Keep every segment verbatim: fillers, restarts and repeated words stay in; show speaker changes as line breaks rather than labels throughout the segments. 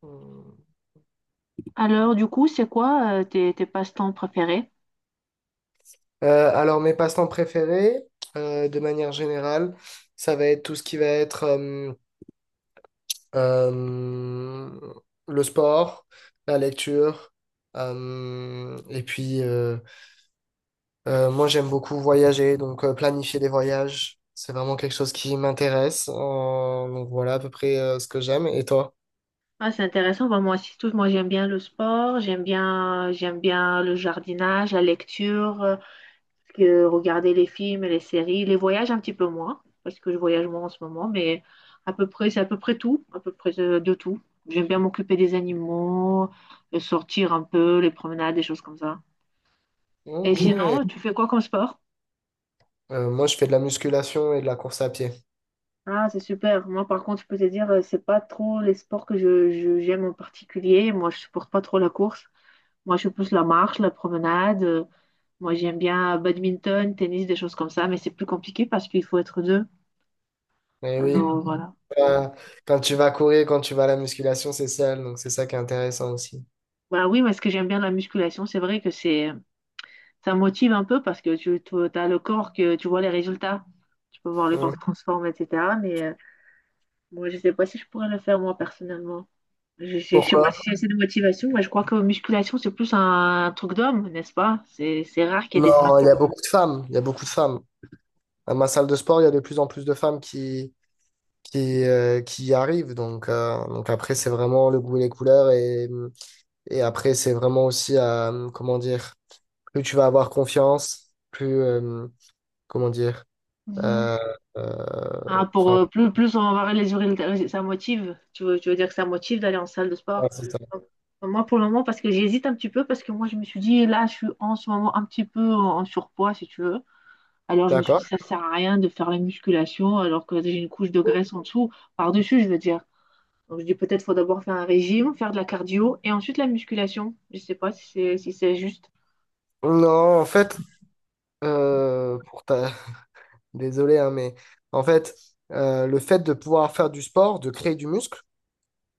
Hmm.
Alors, du coup, c'est quoi euh, tes, tes passe-temps préférés?
Euh, alors, mes passe-temps préférés, euh, de manière générale, ça va être tout ce qui va être euh, euh, le sport, la lecture, euh, et puis, euh, Euh, moi, j'aime beaucoup voyager, donc euh, planifier des voyages, c'est vraiment quelque chose qui m'intéresse. Euh, donc voilà à peu près euh, ce que j'aime. Et toi?
Ah, c'est intéressant. Bah, moi aussi, tout. Moi, j'aime bien le sport, j'aime bien, j'aime bien le jardinage, la lecture, euh, que regarder les films et les séries, les voyages un petit peu moins, parce que je voyage moins en ce moment, mais à peu près, c'est à peu près tout, à peu près euh, de tout. J'aime bien m'occuper des animaux, euh, sortir un peu, les promenades, des choses comme ça. Et
Ok.
sinon, tu fais quoi comme sport?
Euh, moi, je fais de la musculation et de la course à pied.
Ah, c'est super. Moi, par contre, je peux te dire, euh, c'est pas trop les sports que je, je- j'aime en particulier. Moi, je supporte pas trop la course. Moi, je suis plus la marche, la promenade. euh, Moi, j'aime bien badminton, tennis, des choses comme ça, mais c'est plus compliqué parce qu'il faut être deux.
Mais oui,
Alors, Mhm. voilà.
euh, quand tu vas courir, quand tu vas à la musculation, c'est sale, donc c'est ça qui est intéressant aussi.
Voilà, oui, mais ce que j'aime bien de la musculation, c'est vrai que c'est, ça motive un peu parce que tu, as le corps que tu vois les résultats. Tu peux voir le corps
Hum.
qui transforme, et cetera. Mais euh, moi, je sais pas si je pourrais le faire moi personnellement. Je, je, je sais
Pourquoi?
pas si c'est assez de motivation. Moi, je crois que musculation, c'est plus un truc d'homme, n'est-ce pas? C'est, c'est rare qu'il y ait des femmes.
Non, il y a beaucoup de femmes, il y a beaucoup de femmes. À ma salle de sport, il y a de plus en plus de femmes qui, qui, euh, qui y arrivent, donc, euh, donc après, c'est vraiment le goût et les couleurs et, mmh, et après, c'est vraiment aussi à, euh, comment dire, plus tu vas avoir confiance, plus, euh, comment dire,
Mhm.
euh, euh,
Hein, pour,
enfin,
euh, plus, plus on va les urines, ça motive. Tu veux, tu veux dire que ça motive d'aller en salle de sport?
ouais, c'est ça.
Donc, moi, pour le moment, parce que j'hésite un petit peu, parce que moi, je me suis dit, là, je suis en ce moment un petit peu en, en surpoids, si tu veux. Alors, je me suis dit,
D'accord.
ça sert à rien de faire la musculation, alors que j'ai une couche de graisse en dessous, par-dessus, je veux dire. Donc, je dis, peut-être faut d'abord faire un régime, faire de la cardio, et ensuite la musculation. Je sais pas si c'est si c'est juste.
Non, en fait, euh, pour ta... désolé, hein, mais en fait, euh, le fait de pouvoir faire du sport, de créer du muscle,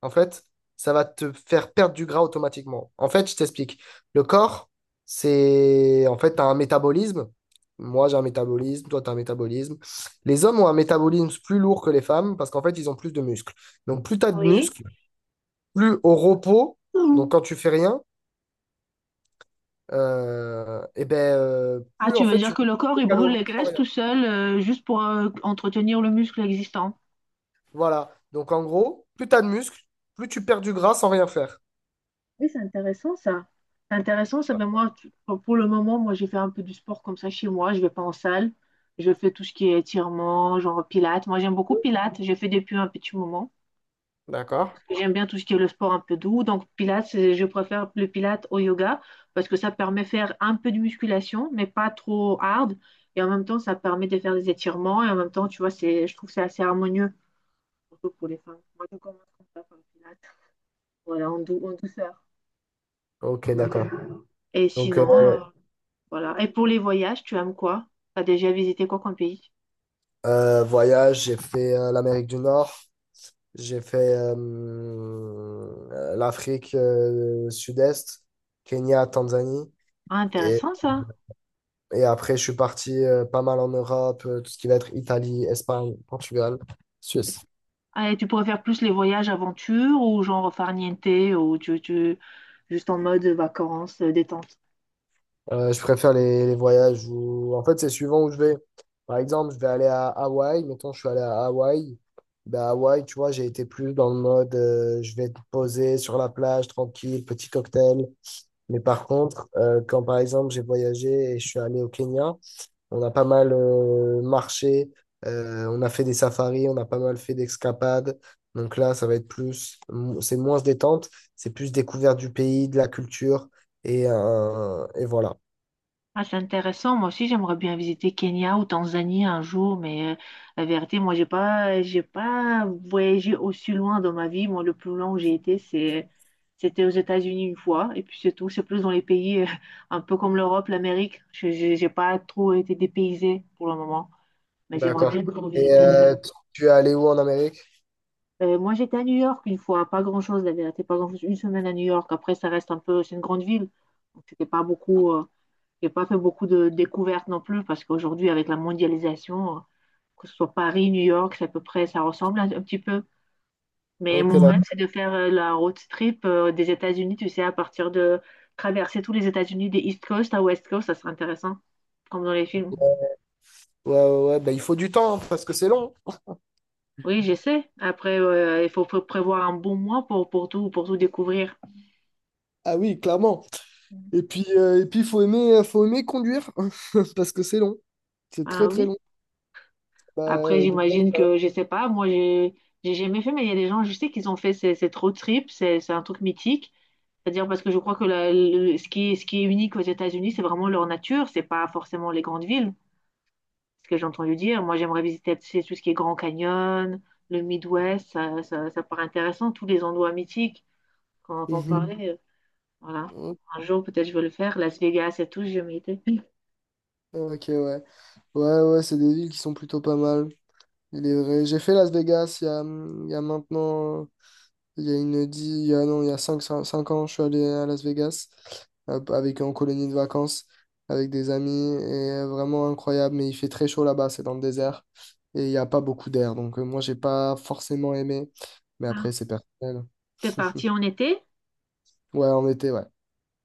en fait, ça va te faire perdre du gras automatiquement. En fait, je t'explique. Le corps, c'est... En fait, tu as un métabolisme. Moi, j'ai un métabolisme, toi, tu as un métabolisme. Les hommes ont un métabolisme plus lourd que les femmes parce qu'en fait, ils ont plus de muscles. Donc, plus tu as de
Oui.
muscles, plus au repos, donc quand tu fais rien, euh, eh ben, euh,
Ah,
plus
tu
en
veux
fait,
dire
tu
que
perds
le corps,
des
il brûle les
calories sans
graisses
rien.
tout seul, euh, juste pour euh, entretenir le muscle existant.
Voilà. Donc, en gros, plus tu as de muscles, plus tu perds du gras sans rien faire.
Oui, c'est intéressant ça. C'est intéressant, ça fait moi, tu- pour pour le moment, moi, j'ai fait un peu du sport comme ça chez moi. Je vais pas en salle. Je fais tout ce qui est étirement, genre pilates. Moi, j'aime beaucoup pilates. J'ai fait depuis un petit moment.
D'accord?
J'aime bien tout ce qui est le sport un peu doux. Donc, pilates, c'est- je préfère le pilates au yoga parce que ça permet de faire un peu de musculation, mais pas trop hard. Et en même temps, ça permet de faire des étirements. Et en même temps, tu vois, c'est, je trouve que c'est assez harmonieux. surtout pour les femmes. Moi, je commence comme ça, par Pilates. Voilà, en, dou- en douceur.
Ok, d'accord.
Et
Donc,
sinon,
euh,
euh, voilà. Et pour les voyages, tu aimes quoi? T'as déjà visité quoi comme pays?
Euh, voyage, j'ai fait euh, l'Amérique du Nord, j'ai fait euh, euh, l'Afrique euh, Sud-Est, Kenya, Tanzanie.
Ah,
Et,
intéressant ça.
et après, je suis parti euh, pas mal en Europe, euh, tout ce qui va être Italie, Espagne, Portugal, Suisse.
Ah, et tu préfères plus les voyages aventure ou genre farniente ou tu, tu- juste en mode vacances, euh, détente?
Euh, je préfère les, les voyages où, en fait, c'est suivant où je vais. Par exemple, je vais aller à Hawaï. Mettons, je suis allé à Hawaï. Ben, à Hawaï, tu vois, j'ai été plus dans le mode, euh, je vais te poser sur la plage, tranquille, petit cocktail. Mais par contre, euh, quand par exemple j'ai voyagé et je suis allé au Kenya, on a pas mal euh, marché, euh, on a fait des safaris, on a pas mal fait d'escapades. Donc là, ça va être plus, mo- c'est moins détente, c'est plus découverte du pays, de la culture et, euh, et voilà.
Ah, c'est intéressant. Moi aussi, j'aimerais bien visiter Kenya ou Tanzanie un jour, mais euh, la vérité, moi, j'ai pas, j'ai pas voyagé aussi loin dans ma vie. Moi, le plus long où j'ai été, c'est, c'était aux États-Unis une fois, et puis c'est tout. C'est plus dans les pays euh, un peu comme l'Europe, l'Amérique. Je, je- j'ai pas trop été dépaysée pour le moment, mais j'aimerais
D'accord.
bien trop
Et
visiter.
euh, tu tu es allé où en Amérique?
Euh, moi, j'étais à New York une fois, pas grand-chose, la vérité, pas grand-chose. Une semaine à New York. Après, ça reste un peu, c'est une grande ville, donc c'était pas beaucoup. Euh, j'ai pas fait beaucoup de découvertes non plus parce qu'aujourd'hui, avec la mondialisation, que ce soit Paris, New York, c'est à peu près, ça ressemble un, un petit peu. Mais
Ok,
mon rêve, Mhm. c'est
d'accord.
de faire euh, la road trip euh, des États-Unis, tu sais, à partir de traverser tous les États-Unis des East Coast à West Coast, ça serait intéressant, comme dans les films.
Ouais, ouais, ouais. Bah, il faut du temps hein, parce que c'est long.
Oui, j'essaie. Après, euh, il faut pré- prévoir un bon mois pour, pour tout, pour tout découvrir.
Ah oui, clairement. Et puis, euh, et puis, faut aimer, euh, faut aimer conduire parce que c'est long. C'est très,
Ah
très
oui.
long.
Après,
Bah, de-
j'imagine que, je sais pas, moi, j'ai j'ai jamais fait, mais il y a des gens, je sais qu'ils ont fait ces- cette road trip, c'est c'est un truc mythique. C'est-à-dire parce que je crois que la- le- ce qui, est- ce qui est unique aux États-Unis, c'est vraiment leur nature, c'est pas forcément les grandes villes, ce que j'ai entendu dire. Moi, j'aimerais visiter tu sais, tout ce qui est Grand Canyon, le Midwest, ça, ça, ça paraît intéressant, tous les endroits mythiques qu'on entend Mm.
Mhm.
parler. euh, Voilà.
Ok,
Un jour, peut-être, je vais le faire. Las Vegas et tout, j'ai jamais été.
ok, ouais. Ouais, ouais, c'est des villes qui sont plutôt pas mal. Il est vrai. J'ai fait Las Vegas il y a, hum, il y a maintenant, il y a une dix, il y a, non, il y a cinq cinq ans, je suis allé à Las Vegas euh, avec en colonie de vacances, avec des amis, et euh, vraiment incroyable. Mais il fait très chaud là-bas, c'est dans le désert, et il n'y a pas beaucoup d'air. Donc euh, moi, j'ai pas forcément aimé, mais
Ah,
après, c'est personnel.
t'es parti en été?
Ouais, en été, ouais.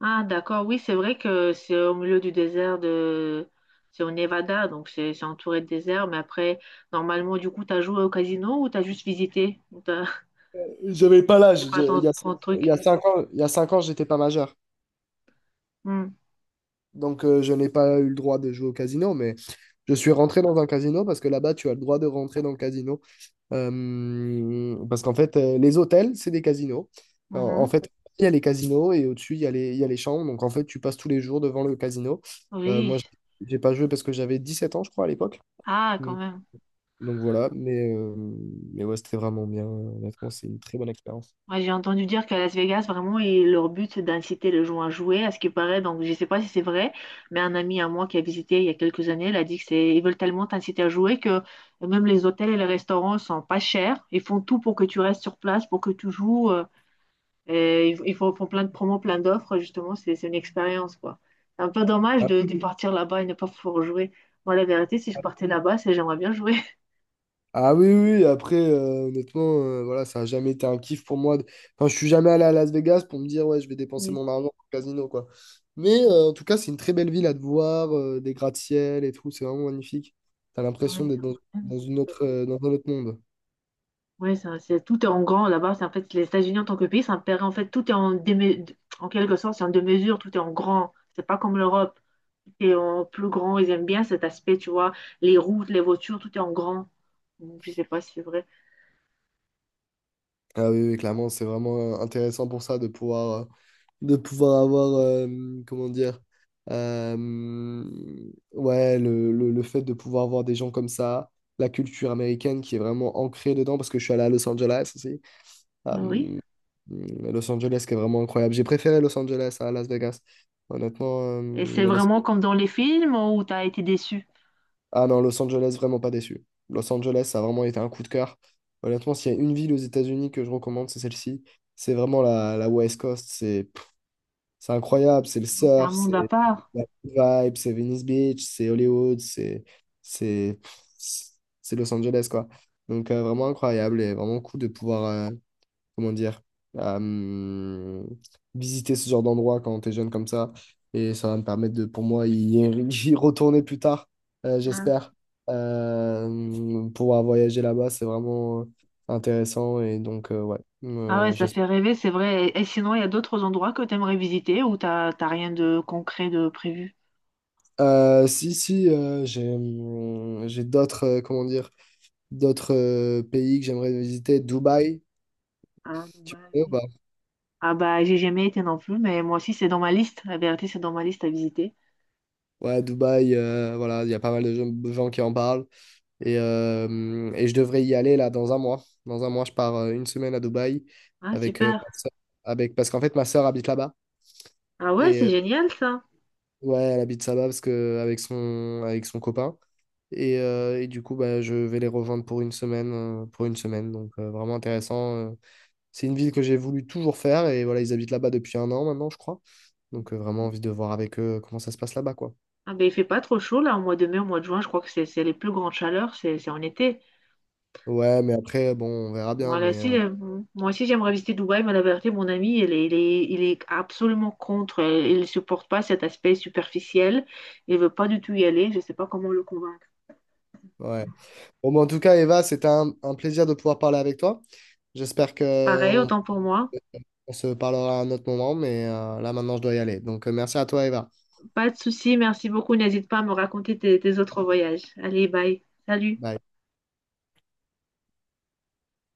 Ah, d'accord, oui, c'est vrai que c'est au milieu du désert de... C'est au Nevada, donc c'est c'est entouré de désert, mais après, normalement, du coup, t'as joué au casino ou t'as juste visité? Ou t'as-
J'avais pas
C'est
l'âge.
pas
Je- Il
ton,
y a,
ton
il y
truc.
a cinq ans, il y a cinq ans, j'étais pas majeur.
Hmm.
Donc, euh, je n'ai pas eu le droit de jouer au casino, mais je suis rentré dans un casino parce que là-bas, tu as le droit de rentrer dans le casino. Euh, parce qu'en fait, euh, les hôtels, c'est des casinos. En, en
Mhm.
fait, il y a les casinos et au-dessus, il y a les, il y a les chambres. Donc, en fait, tu passes tous les jours devant le casino. Euh,
Oui.
moi, j'ai j'ai pas joué parce que j'avais dix-sept ans, je crois, à l'époque.
Ah, quand
Donc,
même.
donc voilà, mais, euh, mais ouais, c'était vraiment bien. Honnêtement, c'est une très bonne expérience.
Ouais, j'ai entendu dire qu'à Las Vegas, vraiment, et leur but, c'est d'inciter les gens à jouer, à ce qui paraît. Donc, je ne sais pas si c'est vrai, mais un ami à moi qui a visité il y a quelques années, il a dit que c'est, ils veulent tellement t'inciter à jouer que même les hôtels et les restaurants sont pas chers. Ils font tout pour que tu restes sur place, pour que tu joues. Euh, et ils, ils font, font plein de promos, plein d'offres. Justement, c'est, c'est une expérience, quoi. C'est un peu dommage
Ah,
de, de partir là-bas et ne pas pouvoir jouer. Moi, la vérité, si je partais là-bas, c'est j'aimerais bien jouer.
ah oui, oui, oui, après, euh, honnêtement, euh, voilà, ça n'a jamais été un kiff pour moi. de- Enfin, je suis jamais allé à Las Vegas pour me dire, ouais, je vais dépenser mon argent au casino, quoi. Mais euh, en tout cas, c'est une très belle ville à te voir, euh, des gratte-ciel et tout, c'est vraiment magnifique. T'as
Ouais,
l'impression
ils
d'être
ont
dans,
bien
dans
visité
une
la ville.
autre, euh, dans un autre monde.
Ouais, ça- c'est tout est en grand là-bas. C'est en fait les États-Unis en tant que pays, c'est un pays en fait tout est en déme- en quelque sorte, c'est en demi-mesure, tout est en grand. C'est pas comme l'Europe, tout est en plus grand. Ils aiment bien cet aspect, tu vois, les routes, les voitures, tout est en grand. Donc, Je sais pas si c'est vrai.
Ah oui, oui, clairement, c'est vraiment euh, intéressant pour ça de pouvoir, euh, de pouvoir avoir, euh, comment dire, euh, ouais, le, le, le fait de pouvoir avoir des gens comme ça, la culture américaine qui est vraiment ancrée dedans, parce que je suis allé à Los Angeles aussi.
Ah oui.
Euh, Los Angeles qui est vraiment incroyable. J'ai préféré Los Angeles à Las Vegas. Honnêtement,
Et c'est
euh, Los
vraiment comme dans les films où t'as été déçu.
ah non, Los Angeles, vraiment pas déçu. Los Angeles, ça a vraiment été un coup de cœur. Honnêtement, s'il y a une ville aux États-Unis que je recommande, c'est celle-ci. C'est vraiment la, la West Coast. C'est pff, c'est incroyable. C'est le
C'est un
surf,
monde à
c'est
part.
la vibe, c'est Venice Beach, c'est Hollywood, c'est c'est pff, c'est Los Angeles, quoi. Donc, euh, vraiment incroyable et vraiment cool de pouvoir. euh, comment dire, euh, visiter ce genre d'endroit quand t'es jeune comme ça. Et ça va me permettre de, pour moi, y, y retourner plus tard, euh,
Ah
j'espère. Euh, pouvoir voyager là-bas, c'est vraiment euh, intéressant. Et donc, euh, ouais,
Ah ouais,
euh,
ça
j'espère.
fait rêver, c'est vrai. Et et sinon, il y a d'autres endroits que t'aimerais visiter où t'as t'as rien de concret de prévu.
Euh, si, si, euh, j'ai hum, j'ai d'autres, euh, comment dire, d'autres euh, pays que j'aimerais visiter. Dubaï,
Ah,
tu
Dubaï.
connais ou
oui.
pas?
Ah bah j'ai jamais été non plus, mais moi aussi c'est dans ma liste. La vérité, c'est dans ma liste à visiter.
Ouais, Dubaï, euh, voilà, il y a pas mal de gens gens qui en parlent. Et, euh, et je devrais y aller là dans un mois. Dans un mois, je pars euh, une semaine à Dubaï
Ah
avec, euh,
super.
ma sœur- avec parce qu'en fait ma sœur habite là-bas
Ah ouais,
et
c'est
euh,
génial ça.
ouais, elle habite là-bas parce que avec son avec son copain et, euh, et du coup bah, je vais les rejoindre pour une semaine euh, pour une semaine donc euh, vraiment intéressant. euh. C'est une ville que j'ai voulu toujours faire et voilà ils habitent là-bas depuis un an maintenant je crois donc euh, vraiment envie de voir avec eux comment ça se passe là-bas quoi.
Ah ben il fait pas trop chaud là au mois de mai, au mois de juin, je crois que c'est c'est les plus grandes chaleurs, c'est c'est en été.
Ouais mais après bon on verra bien
Moi là
mais
si,
euh,
euh, moi aussi j'aimerais visiter Dubaï, mais la vérité, mon ami, il est, il est, il est absolument contre. euh, Il ne supporte pas cet aspect superficiel. Il veut pas du tout y aller. Je sais pas comment le convaincre.
ouais. Bon, mais en tout cas, Eva, c'était un, un plaisir de pouvoir parler avec toi. J'espère que
Pareil,
on,
autant pour moi.
on se parlera à un autre moment, mais euh, là maintenant, je dois y aller. Donc, euh, merci à toi, Eva.
Pas de souci, merci beaucoup. N'hésite pas à me raconter tes tes autres voyages. Allez, bye. Salut.
Bye.